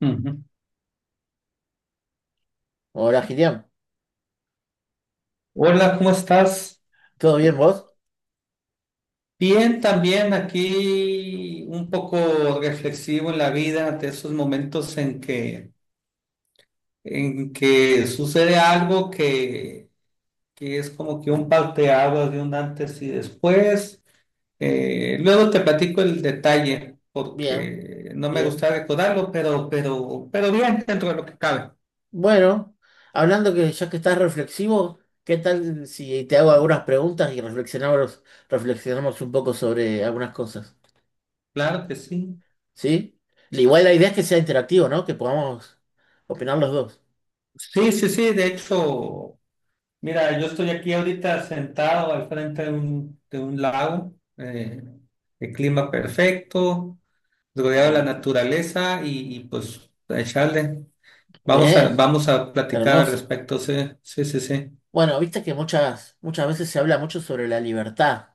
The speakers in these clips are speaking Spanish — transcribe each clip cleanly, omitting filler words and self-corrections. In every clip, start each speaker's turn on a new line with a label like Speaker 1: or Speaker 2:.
Speaker 1: Ujú.
Speaker 2: Hola, Gideon.
Speaker 1: Hola, ¿cómo estás?
Speaker 2: ¿Todo bien vos?
Speaker 1: Bien, también aquí un poco reflexivo en la vida ante esos momentos en que sucede algo que es como que un parteaguas de un antes y después. Luego te platico el detalle
Speaker 2: Bien,
Speaker 1: porque no me
Speaker 2: bien.
Speaker 1: gusta recordarlo, pero bien dentro de lo que cabe.
Speaker 2: Bueno, hablando que ya que estás reflexivo, ¿qué tal si te hago algunas preguntas y reflexionamos un poco sobre algunas cosas?
Speaker 1: Claro que sí.
Speaker 2: ¿Sí? Igual la idea es que sea interactivo, ¿no? Que podamos opinar los dos.
Speaker 1: Sí, sí, sí, de hecho. Mira, yo estoy aquí ahorita sentado al frente de un lago, el clima perfecto, rodeado de la
Speaker 2: Ah,
Speaker 1: naturaleza y, pues a echarle.
Speaker 2: bien,
Speaker 1: Vamos a platicar al
Speaker 2: hermoso.
Speaker 1: respecto, sí, sí, sí, sí.
Speaker 2: Bueno, viste que muchas veces se habla mucho sobre la libertad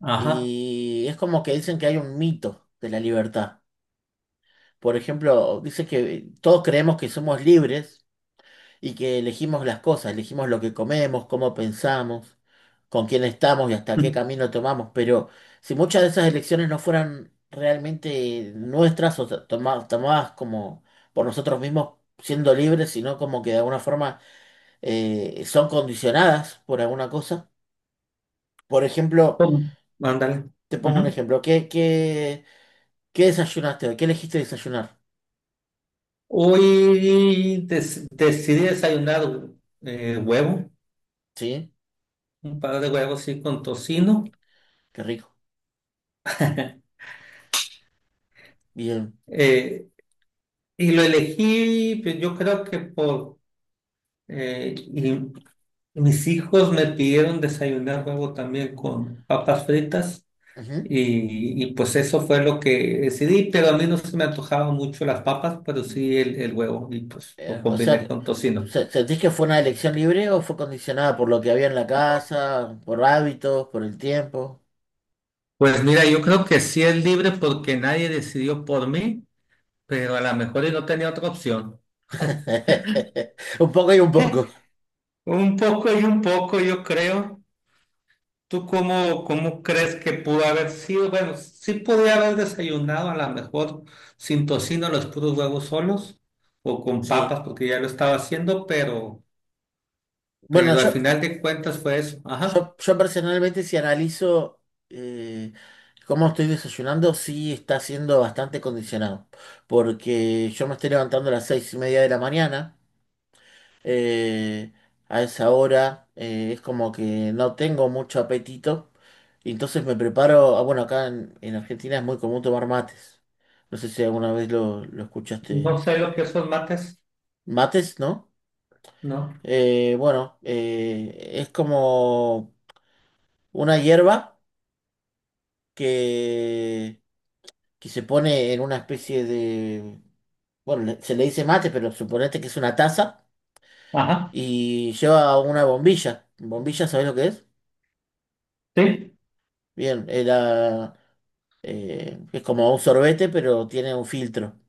Speaker 1: Ajá.
Speaker 2: y es como que dicen que hay un mito de la libertad. Por ejemplo, dice que todos creemos que somos libres y que elegimos las cosas, elegimos lo que comemos, cómo pensamos, con quién estamos y hasta qué camino tomamos. Pero si muchas de esas elecciones no fueran realmente nuestras o tomadas como por nosotros mismos siendo libres, sino como que de alguna forma son condicionadas por alguna cosa. Por ejemplo,
Speaker 1: ¿Cómo? Ándale.
Speaker 2: te pongo un
Speaker 1: Ujú.
Speaker 2: ejemplo. ¿Qué desayunaste hoy? ¿Qué elegiste desayunar?
Speaker 1: Decidí desayunar huevo,
Speaker 2: ¿Sí?
Speaker 1: un par de huevos sí con tocino.
Speaker 2: Qué rico. Bien.
Speaker 1: Eh, y lo elegí, pues, yo creo que por Eh, y mis hijos me pidieron desayunar huevo también con papas fritas
Speaker 2: Ujú.
Speaker 1: y pues eso fue lo que decidí, pero a mí no se me antojaban mucho las papas, pero sí el huevo y pues lo
Speaker 2: O
Speaker 1: combiné
Speaker 2: sea,
Speaker 1: con tocino.
Speaker 2: ¿Sentís que fue una elección libre o fue condicionada por lo que había en la casa, por hábitos, por el tiempo?
Speaker 1: Pues mira, yo creo que sí es libre porque nadie decidió por mí, pero a lo mejor y no tenía otra opción.
Speaker 2: Un poco y un poco,
Speaker 1: Un poco y un poco, yo creo. ¿Tú cómo crees que pudo haber sido? Bueno, sí podía haber desayunado a lo mejor sin tocino los puros huevos solos o con
Speaker 2: sí.
Speaker 1: papas porque ya lo estaba haciendo,
Speaker 2: Bueno,
Speaker 1: pero al
Speaker 2: yo,
Speaker 1: final de cuentas fue eso. Ajá.
Speaker 2: yo, yo personalmente si analizo eh, cómo estoy desayunando, sí está siendo bastante condicionado, porque yo me estoy levantando a las 6:30 de la mañana. eh, a esa hora es como que no tengo mucho apetito. Y entonces me preparo, ah, bueno, acá en Argentina es muy común tomar mates. No sé si alguna vez lo
Speaker 1: No
Speaker 2: escuchaste.
Speaker 1: sé lo que son mates,
Speaker 2: Mates, ¿no?
Speaker 1: ¿no?
Speaker 2: Bueno, es como una hierba que, que se pone en una especie de... Bueno, se le dice mate, pero suponete que es una taza
Speaker 1: Ajá.
Speaker 2: y lleva una bombilla. ¿Bombilla, sabés lo que es?
Speaker 1: Sí.
Speaker 2: Bien, la que es como un sorbete, pero tiene un filtro.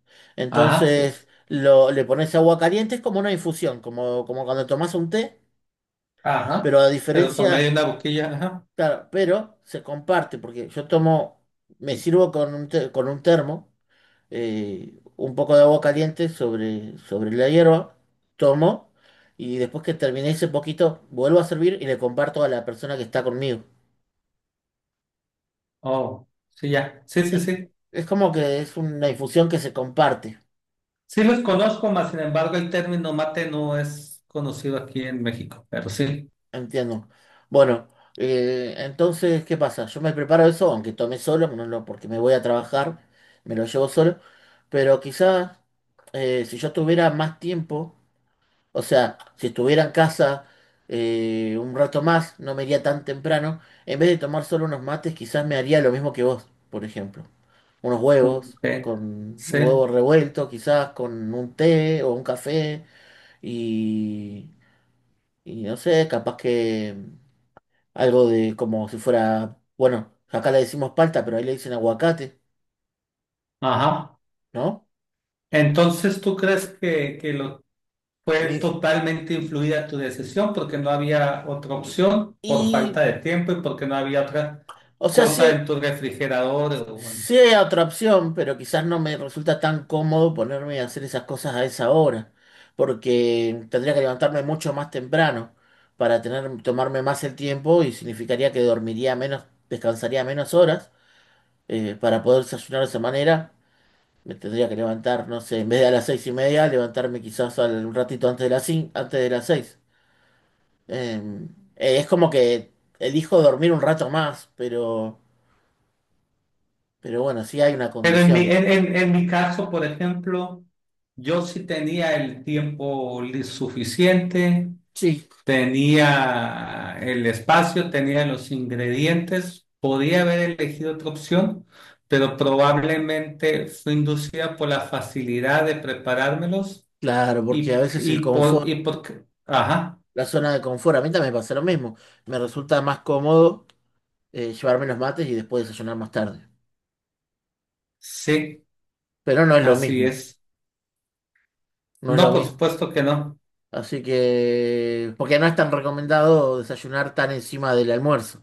Speaker 1: Ajá, sí.
Speaker 2: Entonces le pones agua caliente, es como una infusión, como cuando tomas un té,
Speaker 1: Ajá.
Speaker 2: pero a
Speaker 1: Pero por medio
Speaker 2: diferencia,
Speaker 1: de una boquilla, ajá.
Speaker 2: claro, pero se comparte, porque yo tomo, me sirvo con un termo, un poco de agua caliente sobre la hierba, tomo. Y después que terminé ese poquito, vuelvo a servir y le comparto a la persona que está conmigo.
Speaker 1: Oh, sí, ya. Sí, sí, sí.
Speaker 2: Es como que es una infusión que se comparte.
Speaker 1: Sí los conozco, mas sin embargo el término mate no es conocido aquí en México, pero sí.
Speaker 2: Entiendo. Bueno, entonces, ¿qué pasa? Yo me preparo eso, aunque tome solo, no lo- porque me voy a trabajar, me lo llevo solo, pero quizás si yo tuviera más tiempo, o sea, si estuviera en casa un rato más, no me iría tan temprano, en vez de tomar solo unos mates, quizás me haría lo mismo que vos, por ejemplo, unos huevos,
Speaker 1: Ok.
Speaker 2: con un
Speaker 1: Sí.
Speaker 2: huevo revuelto, quizás con un té o un café, y, y no sé, capaz que... Algo de como si fuera, bueno, acá le decimos palta, pero ahí le dicen aguacate,
Speaker 1: Ajá.
Speaker 2: ¿no?
Speaker 1: Entonces, ¿tú crees que fue
Speaker 2: Y,
Speaker 1: totalmente influida tu decisión porque no había otra opción por falta
Speaker 2: y,
Speaker 1: de tiempo y porque no había otra
Speaker 2: o sea,
Speaker 1: cosa
Speaker 2: sí,
Speaker 1: en tu refrigerador? O bueno.
Speaker 2: sí hay otra opción, pero quizás no me resulta tan cómodo ponerme a hacer esas cosas a esa hora, porque tendría que levantarme mucho más temprano para tener, tomarme más el tiempo y significaría que dormiría menos, descansaría menos horas para poder desayunar de esa manera. Me tendría que levantar, no sé, en vez de a las 6:30, levantarme quizás un ratito antes de las antes de las seis. Eh, es como que elijo dormir un rato más, pero, bueno, sí hay una
Speaker 1: Pero en mi,
Speaker 2: condición.
Speaker 1: en, en, en mi caso, por ejemplo, yo sí tenía el tiempo suficiente,
Speaker 2: Sí,
Speaker 1: tenía el espacio, tenía los ingredientes, podía haber elegido otra opción, pero probablemente fue inducida por la facilidad de preparármelos
Speaker 2: claro, porque a veces el confort,
Speaker 1: ajá,
Speaker 2: la zona de confort, a mí también me pasa lo mismo. Me resulta más cómodo llevarme los mates y después desayunar más tarde.
Speaker 1: sí,
Speaker 2: Pero no es lo
Speaker 1: así
Speaker 2: mismo,
Speaker 1: es.
Speaker 2: no es lo
Speaker 1: No, por
Speaker 2: mismo.
Speaker 1: supuesto que no.
Speaker 2: Así que, porque no es tan recomendado desayunar tan encima del almuerzo.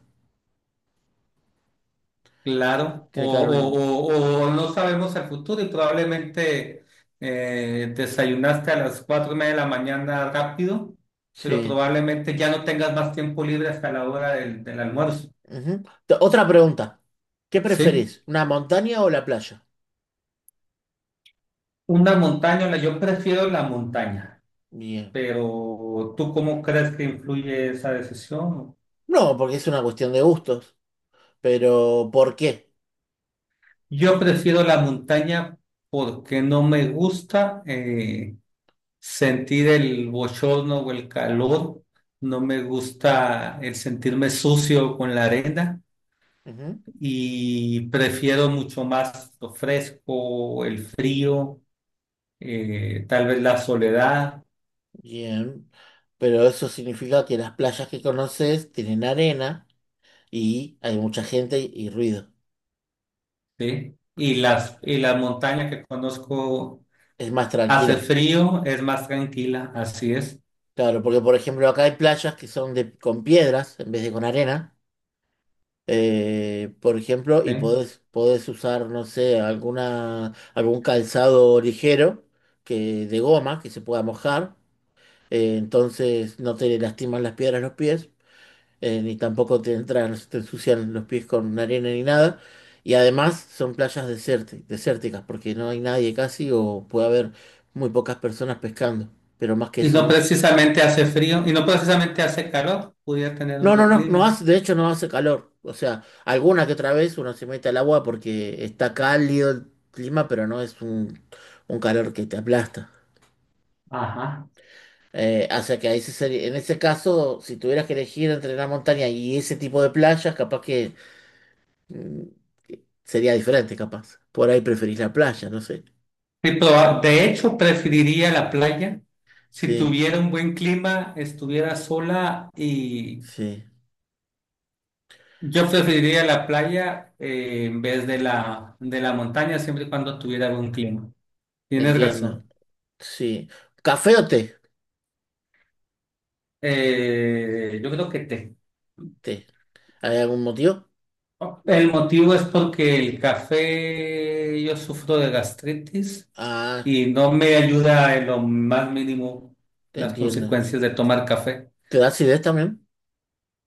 Speaker 1: Claro,
Speaker 2: Tiene que haber una...
Speaker 1: o no sabemos el futuro y probablemente desayunaste a las 4:30 de la mañana rápido, pero
Speaker 2: Sí.
Speaker 1: probablemente ya no tengas más tiempo libre hasta la hora del, del almuerzo,
Speaker 2: Ujú. Otra pregunta. ¿Qué
Speaker 1: ¿sí?
Speaker 2: preferís? ¿Una montaña o la playa?
Speaker 1: Una montaña, yo prefiero la montaña,
Speaker 2: Bien.
Speaker 1: pero ¿tú cómo crees que influye esa decisión?
Speaker 2: No, porque es una cuestión de gustos. Pero, ¿por qué?
Speaker 1: Yo prefiero la montaña porque no me gusta. Sentir el bochorno o el calor, no me gusta el sentirme sucio con la arena
Speaker 2: Ujú,
Speaker 1: y prefiero mucho más lo fresco, el frío, tal vez la soledad,
Speaker 2: bien. Pero eso significa que las playas que conoces tienen arena y hay mucha gente y ruido.
Speaker 1: ¿sí? Y las montañas que conozco
Speaker 2: Es más
Speaker 1: hace
Speaker 2: tranquila.
Speaker 1: frío, es más tranquila, así es,
Speaker 2: Claro, porque por ejemplo acá hay playas que son de, con piedras en vez de con arena. Por ejemplo,
Speaker 1: ¿sí?
Speaker 2: y podés, podés usar, no sé, alguna, algún calzado ligero que, de goma que se pueda mojar. Entonces no te lastiman las piedras los pies. Ni tampoco te entran, no se te ensucian los pies con arena ni nada. Y además son playas desérticas, porque no hay nadie casi o puede haber muy pocas personas pescando, pero más que
Speaker 1: Y
Speaker 2: eso
Speaker 1: no
Speaker 2: no.
Speaker 1: precisamente hace frío, y no precisamente hace calor, pudiera tener un
Speaker 2: No, no,
Speaker 1: buen
Speaker 2: no, no
Speaker 1: clima.
Speaker 2: hace, de hecho no hace calor. O sea, alguna que otra vez uno se mete al agua porque está cálido el clima, pero no es un calor que te aplasta.
Speaker 1: Ajá.
Speaker 2: O sea que ahí en ese caso, si tuvieras que elegir entre la montaña y ese tipo de playas, capaz que Mm, sería diferente, capaz. Por ahí preferís la playa, no sé.
Speaker 1: Sí, de hecho, preferiría la playa. Si
Speaker 2: Sí,
Speaker 1: tuviera un buen clima, estuviera sola y
Speaker 2: sí,
Speaker 1: yo preferiría la playa en vez de la montaña, siempre y cuando tuviera buen clima. Tienes
Speaker 2: entiendo.
Speaker 1: razón.
Speaker 2: Sí. ¿Café o té?
Speaker 1: Yo creo que té.
Speaker 2: Té. ¿Hay algún motivo?
Speaker 1: El motivo es porque el café, yo sufro de gastritis
Speaker 2: Ah,
Speaker 1: y no me ayuda en lo más mínimo las
Speaker 2: entiendo.
Speaker 1: consecuencias de tomar café.
Speaker 2: ¿Te da acidez también?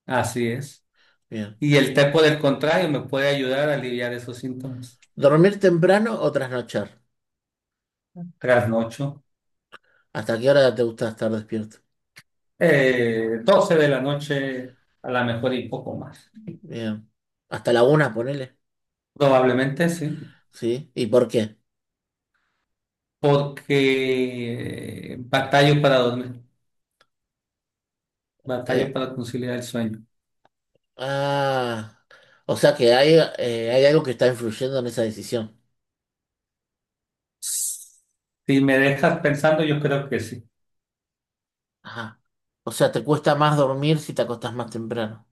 Speaker 1: Así es.
Speaker 2: Bien.
Speaker 1: Y el té, por el contrario, me puede ayudar a aliviar esos síntomas.
Speaker 2: ¿Dormir temprano o trasnochar?
Speaker 1: Trasnocho,
Speaker 2: ¿Hasta qué hora te gusta estar despierto?
Speaker 1: 12 de la noche, a lo mejor y poco más.
Speaker 2: Bien. ¿Hasta la una, ponele?
Speaker 1: Probablemente sí,
Speaker 2: Sí. ¿Y por qué?
Speaker 1: porque batallo para dormir, batallo
Speaker 2: Eh,
Speaker 1: para conciliar el sueño.
Speaker 2: ah, o sea que hay, hay algo que está influyendo en esa decisión.
Speaker 1: Si me dejas pensando, yo creo que sí.
Speaker 2: Ajá. O sea, te cuesta más dormir si te acostás más temprano.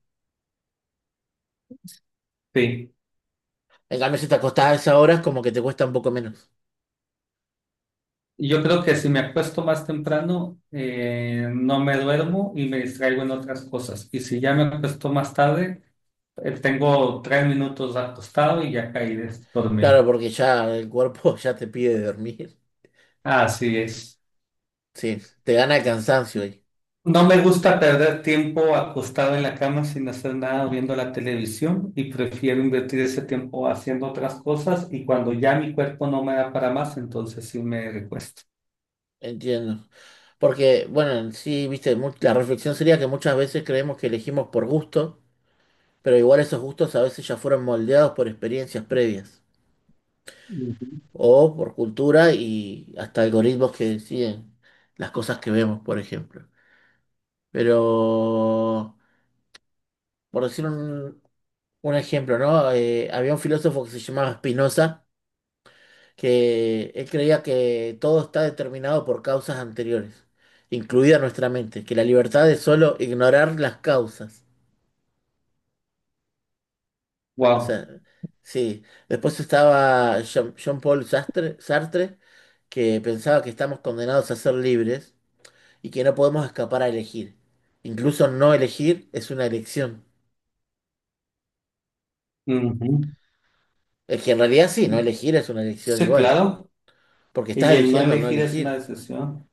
Speaker 1: Sí.
Speaker 2: En cambio, si te acostás a esa hora, es como que te cuesta un poco menos.
Speaker 1: Y yo creo que si me acuesto más temprano, no me duermo y me distraigo en otras cosas. Y si ya me acuesto más tarde, tengo 3 minutos acostado y ya caí de dormir.
Speaker 2: Claro, porque ya el cuerpo ya te pide dormir.
Speaker 1: Así es.
Speaker 2: Sí, te gana el cansancio ahí.
Speaker 1: No me gusta perder tiempo acostado en la cama sin hacer nada o viendo la televisión y prefiero invertir ese tiempo haciendo otras cosas y cuando ya mi cuerpo no me da para más, entonces sí me recuesto.
Speaker 2: Entiendo. Porque, bueno, en sí, viste, la reflexión sería que muchas veces creemos que elegimos por gusto, pero igual esos gustos a veces ya fueron moldeados por experiencias previas o por cultura y hasta algoritmos que deciden las cosas que vemos, por ejemplo. Pero, por decir un ejemplo, ¿no? Había un filósofo que se llamaba Spinoza que él creía que todo está determinado por causas anteriores, incluida nuestra mente, que la libertad es solo ignorar las causas. O
Speaker 1: Wow.
Speaker 2: sea, sí. Después estaba Jean-Paul Sartre, que pensaba que estamos condenados a ser libres y que no podemos escapar a elegir. Incluso no elegir es una elección. Es que en realidad sí, no elegir es una elección
Speaker 1: Sí,
Speaker 2: igual,
Speaker 1: claro.
Speaker 2: porque estás
Speaker 1: Y el no
Speaker 2: eligiendo no
Speaker 1: elegir es una
Speaker 2: elegir.
Speaker 1: decisión.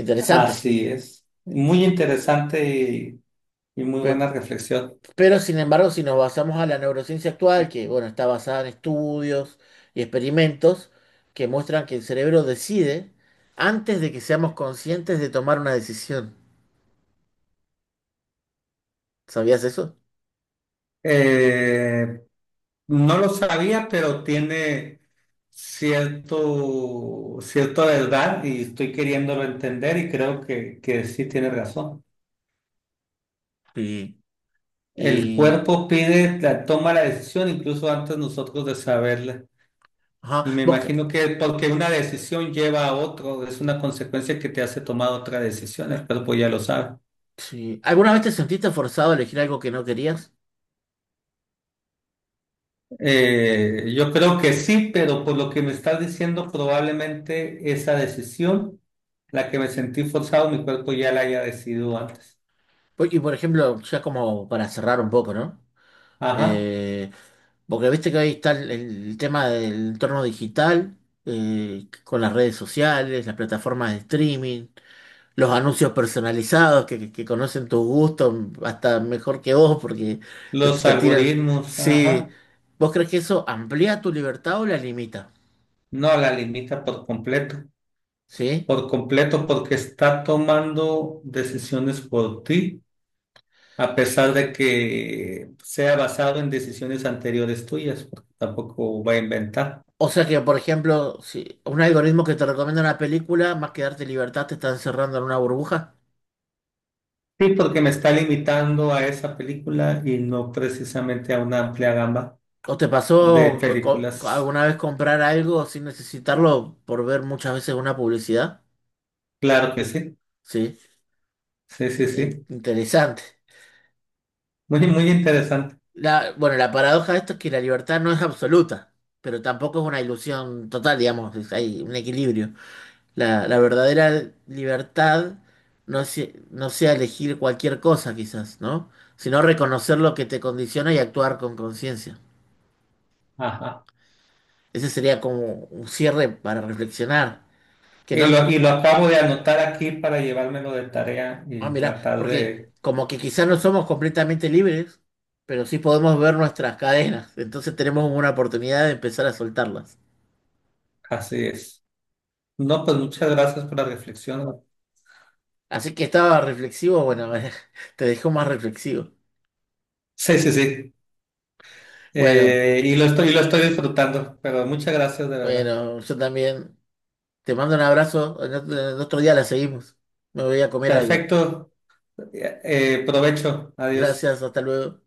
Speaker 2: Interesante.
Speaker 1: Así es. Muy interesante y muy
Speaker 2: Pe-
Speaker 1: buena reflexión.
Speaker 2: Pero sin embargo, si nos basamos a la neurociencia actual, que bueno, está basada en estudios y experimentos que muestran que el cerebro decide antes de que seamos conscientes de tomar una decisión. ¿Sabías eso?
Speaker 1: Eh, No lo sabía, pero tiene cierta verdad y estoy queriéndolo entender y creo que sí tiene razón.
Speaker 2: Sí.
Speaker 1: El
Speaker 2: Y
Speaker 1: cuerpo pide, la, toma la decisión incluso antes nosotros de saberla.
Speaker 2: ajá,
Speaker 1: Y me imagino que porque una decisión lleva a otro, es una consecuencia que te hace tomar otra decisión, el cuerpo ya lo sabe.
Speaker 2: sí. ¿Alguna vez te sentiste forzado a elegir algo que no querías?
Speaker 1: Yo creo que sí, pero por lo que me estás diciendo, probablemente esa decisión, la que me sentí forzado, mi cuerpo ya la haya decidido antes.
Speaker 2: Y por ejemplo, ya como para cerrar un poco, ¿no?
Speaker 1: Ajá.
Speaker 2: Eh, porque viste que ahí está el tema del entorno digital, con las redes sociales, las plataformas de streaming. Los anuncios personalizados que conocen tus gustos hasta mejor que vos porque
Speaker 1: Los
Speaker 2: te tiran.
Speaker 1: algoritmos,
Speaker 2: Sí,
Speaker 1: ajá.
Speaker 2: ¿vos crees que eso amplía tu libertad o la limita?
Speaker 1: No la limita por completo.
Speaker 2: ¿Sí?
Speaker 1: Por completo, porque está tomando decisiones por ti, a pesar de que sea basado en decisiones anteriores tuyas, porque tampoco va a inventar.
Speaker 2: O sea que, por ejemplo, si un algoritmo que te recomienda una película, más que darte libertad, te está encerrando en una burbuja.
Speaker 1: Sí, porque me está limitando a esa película y no precisamente a una amplia gama
Speaker 2: ¿O te
Speaker 1: de
Speaker 2: pasó
Speaker 1: películas.
Speaker 2: alguna vez comprar algo sin necesitarlo por ver muchas veces una publicidad?
Speaker 1: Claro que sí,
Speaker 2: Sí,
Speaker 1: sí, sí, sí.
Speaker 2: interesante.
Speaker 1: Muy, muy interesante.
Speaker 2: Bueno, la paradoja de esto es que la libertad no es absoluta, pero tampoco es una ilusión total, digamos, hay un equilibrio. La verdadera libertad no es, no sea elegir cualquier cosa, quizás, ¿no? Sino reconocer lo que te condiciona y actuar con conciencia.
Speaker 1: Ajá.
Speaker 2: Ese sería como un cierre para reflexionar. Que
Speaker 1: Y
Speaker 2: no,
Speaker 1: lo acabo de anotar aquí para llevármelo de tarea
Speaker 2: ah,
Speaker 1: y
Speaker 2: mira,
Speaker 1: tratar
Speaker 2: porque
Speaker 1: de...
Speaker 2: como que quizás no somos completamente libres, pero sí podemos ver nuestras cadenas, entonces tenemos una oportunidad de empezar a soltarlas.
Speaker 1: Así es. No, pues muchas gracias por la reflexión.
Speaker 2: Así que estaba reflexivo, bueno, te dejó más reflexivo.
Speaker 1: Sí, sí, sí.
Speaker 2: Bueno,
Speaker 1: Y lo estoy, y lo estoy disfrutando, pero muchas gracias de verdad.
Speaker 2: bueno, yo también te mando un abrazo. En otro día la seguimos. Me voy a comer algo.
Speaker 1: Perfecto. Provecho. Adiós.
Speaker 2: Gracias, hasta luego.